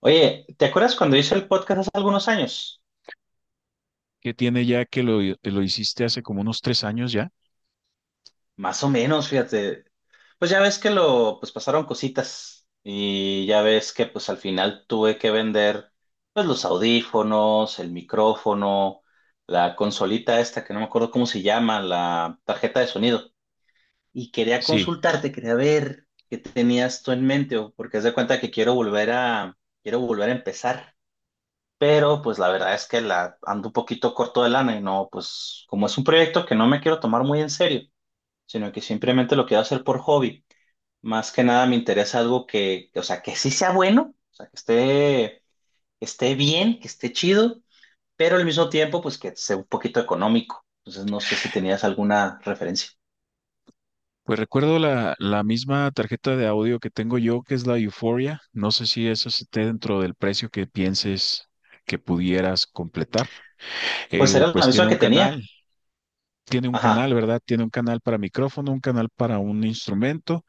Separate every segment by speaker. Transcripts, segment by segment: Speaker 1: Oye, ¿te acuerdas cuando hice el podcast hace algunos años?
Speaker 2: ¿Que tiene ya que lo hiciste hace como unos tres años ya?
Speaker 1: Más o menos, fíjate. Pues pasaron cositas y ya ves que pues al final tuve que vender pues los audífonos, el micrófono, la consolita esta que no me acuerdo cómo se llama, la tarjeta de sonido. Y quería
Speaker 2: Sí,
Speaker 1: consultarte, quería ver qué tenías tú en mente, porque haz de cuenta que quiero volver a empezar. Pero pues la verdad es que la ando un poquito corto de lana y no, pues como es un proyecto que no me quiero tomar muy en serio, sino que simplemente lo quiero hacer por hobby. Más que nada me interesa algo que, o sea, que sí sea bueno, o sea, que esté bien, que esté chido, pero al mismo tiempo, pues que sea un poquito económico. Entonces no sé si tenías alguna referencia.
Speaker 2: pues recuerdo la misma tarjeta de audio que tengo yo, que es la Euphoria. No sé si eso esté dentro del precio que pienses que pudieras completar.
Speaker 1: Pues era la
Speaker 2: Pues tiene
Speaker 1: misma que
Speaker 2: un canal,
Speaker 1: tenía.
Speaker 2: tiene un canal,
Speaker 1: Ajá.
Speaker 2: ¿verdad? Tiene un canal para micrófono, un canal para un instrumento,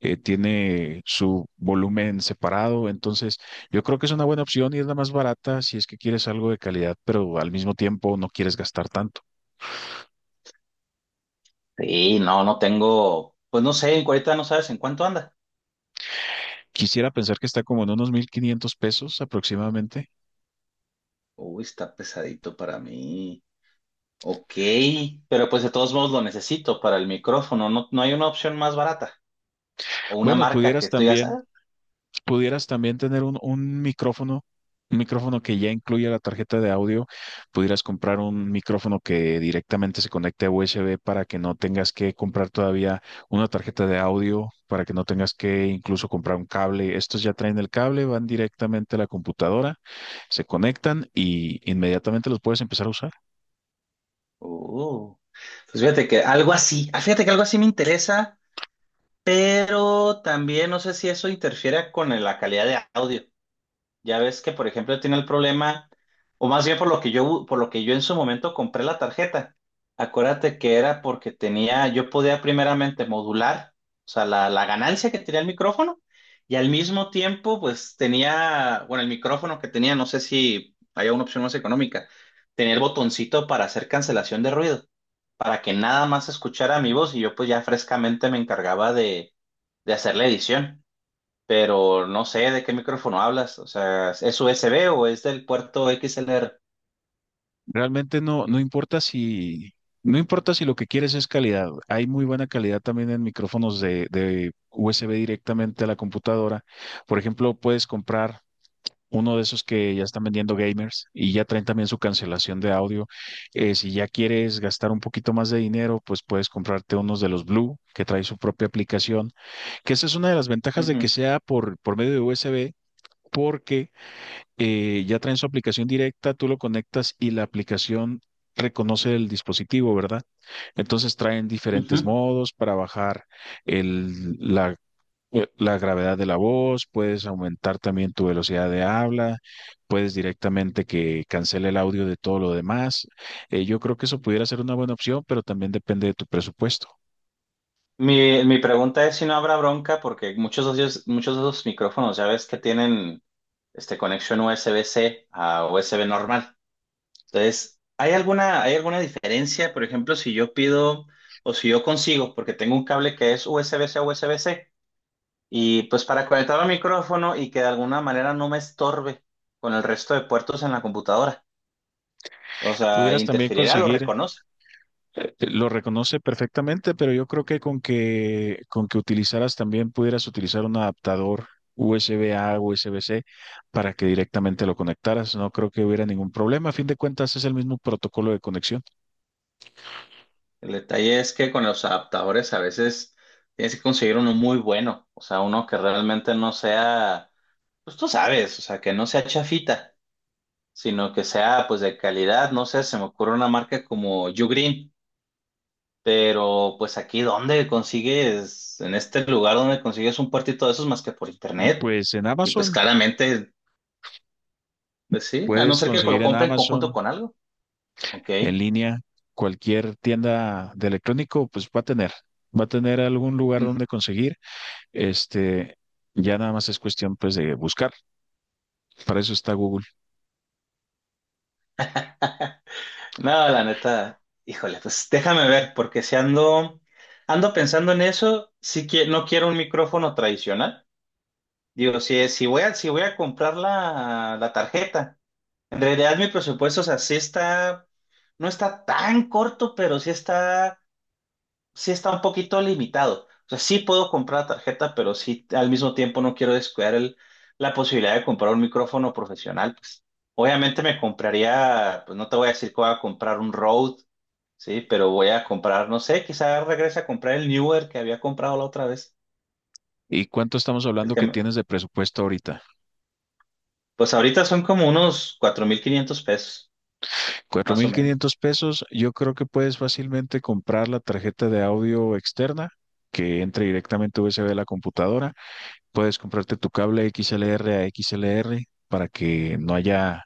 Speaker 2: tiene su volumen separado. Entonces yo creo que es una buena opción y es la más barata si es que quieres algo de calidad, pero al mismo tiempo no quieres gastar tanto.
Speaker 1: Sí, no, no tengo, pues no sé, en ahorita no sabes en cuánto anda.
Speaker 2: Quisiera pensar que está como en unos 1500 pesos aproximadamente.
Speaker 1: Uy, está pesadito para mí. Ok, pero pues de todos modos lo necesito para el micrófono. No, no hay una opción más barata o una
Speaker 2: Bueno,
Speaker 1: marca
Speaker 2: pudieras
Speaker 1: que tú ya
Speaker 2: también,
Speaker 1: sabes.
Speaker 2: pudieras también tener un micrófono que ya incluya la tarjeta de audio. Pudieras comprar un micrófono que directamente se conecte a USB para que no tengas que comprar todavía una tarjeta de audio, para que no tengas que incluso comprar un cable. Estos ya traen el cable, van directamente a la computadora, se conectan y inmediatamente los puedes empezar a usar.
Speaker 1: Uh, pues fíjate que algo así me interesa, pero también no sé si eso interfiere con la calidad de audio. Ya ves que, por ejemplo, tiene el problema, o más bien por lo que yo en su momento compré la tarjeta. Acuérdate que era porque tenía, yo podía primeramente modular, o sea, la ganancia que tenía el micrófono, y al mismo tiempo, pues tenía, bueno, el micrófono que tenía, no sé si había una opción más económica, tenía el botoncito para hacer cancelación de ruido, para que nada más escuchara mi voz y yo pues ya frescamente me encargaba de hacer la edición, pero no sé de qué micrófono hablas. O sea, ¿es USB o es del puerto XLR?
Speaker 2: Realmente no, no importa si, no importa si lo que quieres es calidad. Hay muy buena calidad también en micrófonos de USB directamente a la computadora. Por ejemplo, puedes comprar uno de esos que ya están vendiendo gamers y ya traen también su cancelación de audio. Si ya quieres gastar un poquito más de dinero, pues puedes comprarte unos de los Blue que trae su propia aplicación, que esa es una de las ventajas de que
Speaker 1: Ujú,
Speaker 2: sea por medio de USB, porque ya traen su aplicación directa, tú lo conectas y la aplicación reconoce el dispositivo, ¿verdad? Entonces traen diferentes
Speaker 1: ujú.
Speaker 2: modos para bajar el, la, la gravedad de la voz, puedes aumentar también tu velocidad de habla, puedes directamente que cancele el audio de todo lo demás. Yo creo que eso pudiera ser una buena opción, pero también depende de tu presupuesto.
Speaker 1: Mi pregunta es si no habrá bronca, porque muchos de esos micrófonos ya ves que tienen este, conexión USB-C a USB normal. Entonces, ¿ hay alguna diferencia? Por ejemplo, si yo pido o si yo consigo, porque tengo un cable que es USB-C a USB-C, y pues para conectar al micrófono y que de alguna manera no me estorbe con el resto de puertos en la computadora. O sea,
Speaker 2: Pudieras también
Speaker 1: ¿interferirá, lo
Speaker 2: conseguir,
Speaker 1: reconoce?
Speaker 2: lo reconoce perfectamente, pero yo creo que con que utilizaras, también pudieras utilizar un adaptador USB-A, USB-C para que directamente lo conectaras. No creo que hubiera ningún problema. A fin de cuentas es el mismo protocolo de conexión.
Speaker 1: El detalle es que con los adaptadores a veces tienes que conseguir uno muy bueno, o sea, uno que realmente no sea, pues tú sabes, o sea, que no sea chafita, sino que sea pues de calidad, no sé, se me ocurre una marca como Ugreen, pero pues aquí ¿ en este lugar donde consigues un puertito de esos más que por internet.
Speaker 2: Pues en
Speaker 1: Y pues
Speaker 2: Amazon
Speaker 1: claramente, pues sí, a no
Speaker 2: puedes
Speaker 1: ser que
Speaker 2: conseguir,
Speaker 1: lo
Speaker 2: en
Speaker 1: compre en conjunto
Speaker 2: Amazon,
Speaker 1: con algo, ok.
Speaker 2: en línea, cualquier tienda de electrónico, pues va a tener, va a tener algún lugar donde conseguir. Este, ya nada más es cuestión pues de buscar. Para eso está Google.
Speaker 1: No, la neta, híjole, pues déjame ver, porque si ando, ando pensando en eso, sí que no quiero un micrófono tradicional. Digo, si voy a comprar la tarjeta, en realidad mi presupuesto, o sea, no está tan corto, pero sí está un poquito limitado. O sea, sí puedo comprar la tarjeta, pero sí al mismo tiempo no quiero descuidar la posibilidad de comprar un micrófono profesional, pues. Obviamente me compraría, pues no te voy a decir que voy a comprar un Rode. Sí, pero voy a comprar, no sé, quizás regrese a comprar el Newer que había comprado la otra vez.
Speaker 2: ¿Y cuánto estamos
Speaker 1: El
Speaker 2: hablando
Speaker 1: que
Speaker 2: que
Speaker 1: me-
Speaker 2: tienes de presupuesto ahorita?
Speaker 1: Pues ahorita son como unos 4500 pesos,
Speaker 2: Cuatro
Speaker 1: más o
Speaker 2: mil
Speaker 1: menos.
Speaker 2: quinientos pesos, yo creo que puedes fácilmente comprar la tarjeta de audio externa que entre directamente USB a la computadora. Puedes comprarte tu cable XLR a XLR para que no haya,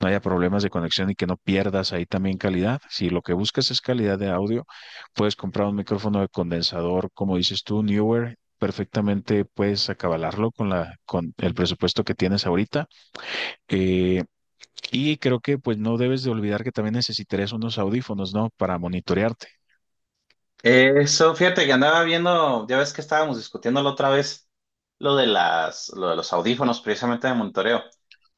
Speaker 2: no haya problemas de conexión y que no pierdas ahí también calidad. Si lo que buscas es calidad de audio, puedes comprar un micrófono de condensador, como dices tú, Newer. Perfectamente puedes acabalarlo con la, con el presupuesto que tienes ahorita. Eh, Y creo que pues no debes de olvidar que también necesitarías unos audífonos, ¿no? Para monitorearte.
Speaker 1: Eso, fíjate que andaba viendo, ya ves que estábamos discutiendo la otra vez lo de los audífonos, precisamente de monitoreo.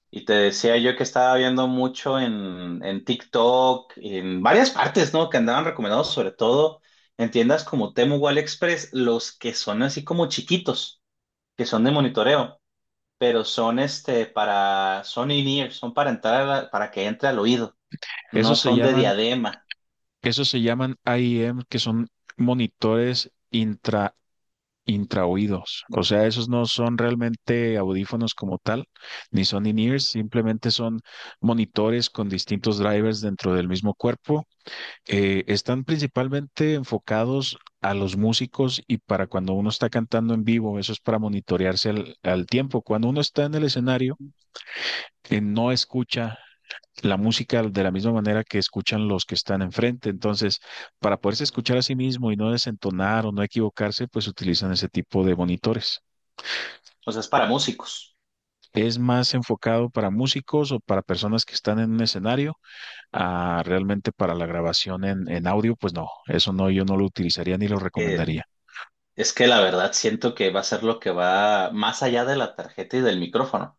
Speaker 1: Y te decía yo que estaba viendo mucho en TikTok, en varias partes, ¿no? Que andaban recomendados, sobre todo en tiendas como Temu o AliExpress, los que son así como chiquitos, que son de monitoreo. Pero son este para, son in-ear, son para entrar, para que entre al oído, no
Speaker 2: Esos se
Speaker 1: son de
Speaker 2: llaman,
Speaker 1: diadema,
Speaker 2: esos se llaman IEM, que son monitores intra, intraoídos. O sea, esos no son realmente audífonos como tal, ni son in-ears, simplemente son monitores con distintos drivers dentro del mismo cuerpo. Están principalmente enfocados a los músicos y para cuando uno está cantando en vivo, eso es para monitorearse al al tiempo. Cuando uno está en el escenario, que no escucha la música de la misma manera que escuchan los que están enfrente. Entonces, para poderse escuchar a sí mismo y no desentonar o no equivocarse, pues utilizan ese tipo de monitores.
Speaker 1: o sea, es para músicos.
Speaker 2: ¿Es más enfocado para músicos o para personas que están en un escenario? Ah, realmente para la grabación en audio, pues no, eso no, yo no lo utilizaría ni lo
Speaker 1: Eh,
Speaker 2: recomendaría.
Speaker 1: es que la verdad siento que va a ser lo que va más allá de la tarjeta y del micrófono.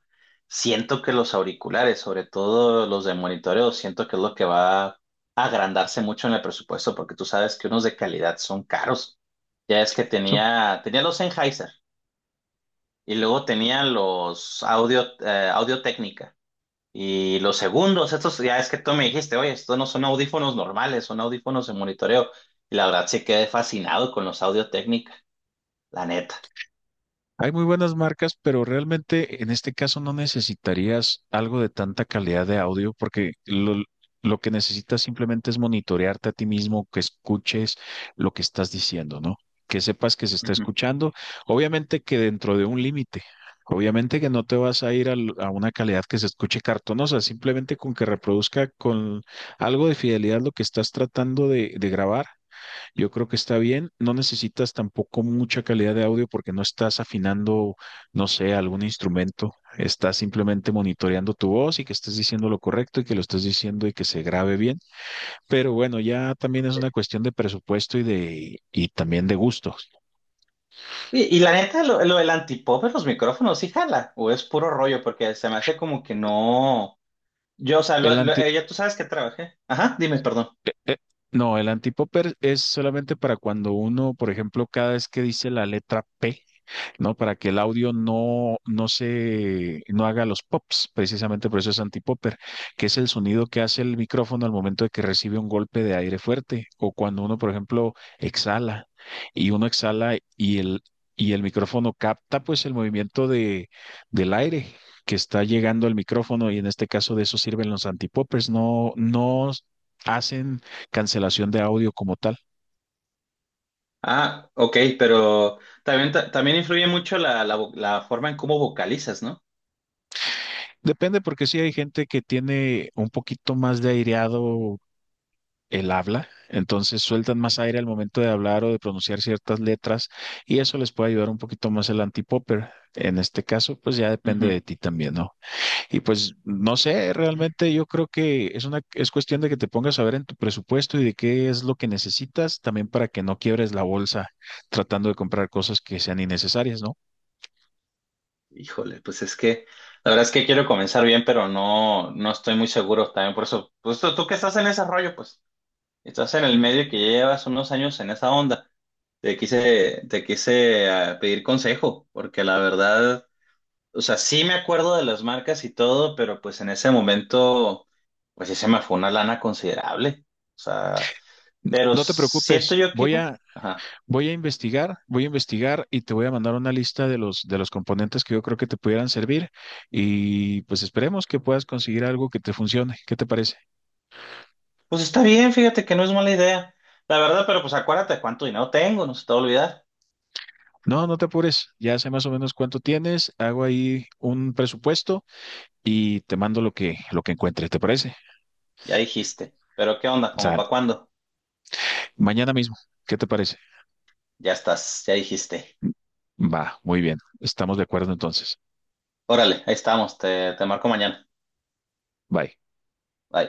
Speaker 1: Siento que los auriculares, sobre todo los de monitoreo, siento que es lo que va a agrandarse mucho en el presupuesto, porque tú sabes que unos de calidad son caros. Ya es que
Speaker 2: Son
Speaker 1: tenía, tenía los Sennheiser y luego tenía los Audio, Audio. Y los segundos, estos, ya es que tú me dijiste, oye, estos no son audífonos normales, son audífonos de monitoreo. Y la verdad sí quedé fascinado con los Audio Técnica, la neta.
Speaker 2: hay muy buenas marcas, pero realmente en este caso no necesitarías algo de tanta calidad de audio, porque lo que necesitas simplemente es monitorearte a ti mismo, que escuches lo que estás diciendo, ¿no? Que sepas que se está
Speaker 1: Ujú.
Speaker 2: escuchando. Obviamente que dentro de un límite. Obviamente que no te vas a ir al- a una calidad que se escuche cartonosa, simplemente con que reproduzca con algo de fidelidad lo que estás tratando de grabar yo creo que está bien. No necesitas tampoco mucha calidad de audio porque no estás afinando, no sé, algún instrumento. Estás simplemente monitoreando tu voz y que estés diciendo lo correcto y que lo estés diciendo y que se grabe bien. Pero bueno, ya también es
Speaker 1: Ok.
Speaker 2: una cuestión de presupuesto y de y también de gustos.
Speaker 1: Y la neta, lo del antipop en los micrófonos, ¿sí jala o es puro rollo?, porque se me hace como que no. Yo, o sea,
Speaker 2: El anti
Speaker 1: ya tú sabes que trabajé. Ajá, dime, perdón.
Speaker 2: eh, eh, no, el antipopper es solamente para cuando uno, por ejemplo, cada vez que dice la letra P, ¿no? Para que el audio no, no se, no haga los pops, precisamente por eso es antipopper, que es el sonido que hace el micrófono al momento de que recibe un golpe de aire fuerte o cuando uno, por ejemplo, exhala y uno exhala y el micrófono capta pues el movimiento de, del aire que está llegando al micrófono y en este caso de eso sirven los antipoppers, no, no hacen cancelación de audio como tal.
Speaker 1: Ah, ok, pero también, también influye mucho la la forma en cómo vocalizas, ¿no?
Speaker 2: Depende porque sí hay gente que tiene un poquito más de aireado el habla, entonces sueltan más aire al momento de hablar o de pronunciar ciertas letras y eso les puede ayudar un poquito más el antipopper. En este caso, pues ya depende de ti también, ¿no? Y pues no sé, realmente yo creo que es una es cuestión de que te pongas a ver en tu presupuesto y de qué es lo que necesitas también para que no quiebres la bolsa tratando de comprar cosas que sean innecesarias, ¿no?
Speaker 1: Híjole, pues es que la verdad es que quiero comenzar bien, pero no, no estoy muy seguro también. Por eso, pues tú que estás en ese rollo, pues estás en el medio y que ya llevas unos años en esa onda. Te quise pedir consejo, porque la verdad, o sea, sí me acuerdo de las marcas y todo, pero pues en ese momento, pues sí se me fue una lana considerable. O sea, pero
Speaker 2: No te preocupes,
Speaker 1: siento yo que
Speaker 2: voy
Speaker 1: igual,
Speaker 2: a,
Speaker 1: ajá.
Speaker 2: voy a investigar, voy a investigar y te voy a mandar una lista de los, de los componentes que yo creo que te pudieran servir y pues esperemos que puedas conseguir algo que te funcione. ¿Qué te parece?
Speaker 1: Pues está bien, fíjate que no es mala idea. La verdad, pero pues acuérdate cuánto dinero tengo, no se te va a olvidar.
Speaker 2: No, no te apures. Ya sé más o menos cuánto tienes, hago ahí un presupuesto y te mando lo que, lo que encuentre, ¿te parece?
Speaker 1: Ya dijiste. Pero ¿qué onda? ¿Cómo
Speaker 2: Sal.
Speaker 1: para cuándo?
Speaker 2: Mañana mismo. ¿Qué te parece?
Speaker 1: Ya estás, ya dijiste.
Speaker 2: Va, muy bien. Estamos de acuerdo entonces.
Speaker 1: Órale, ahí estamos. Te marco mañana.
Speaker 2: Bye.
Speaker 1: Bye.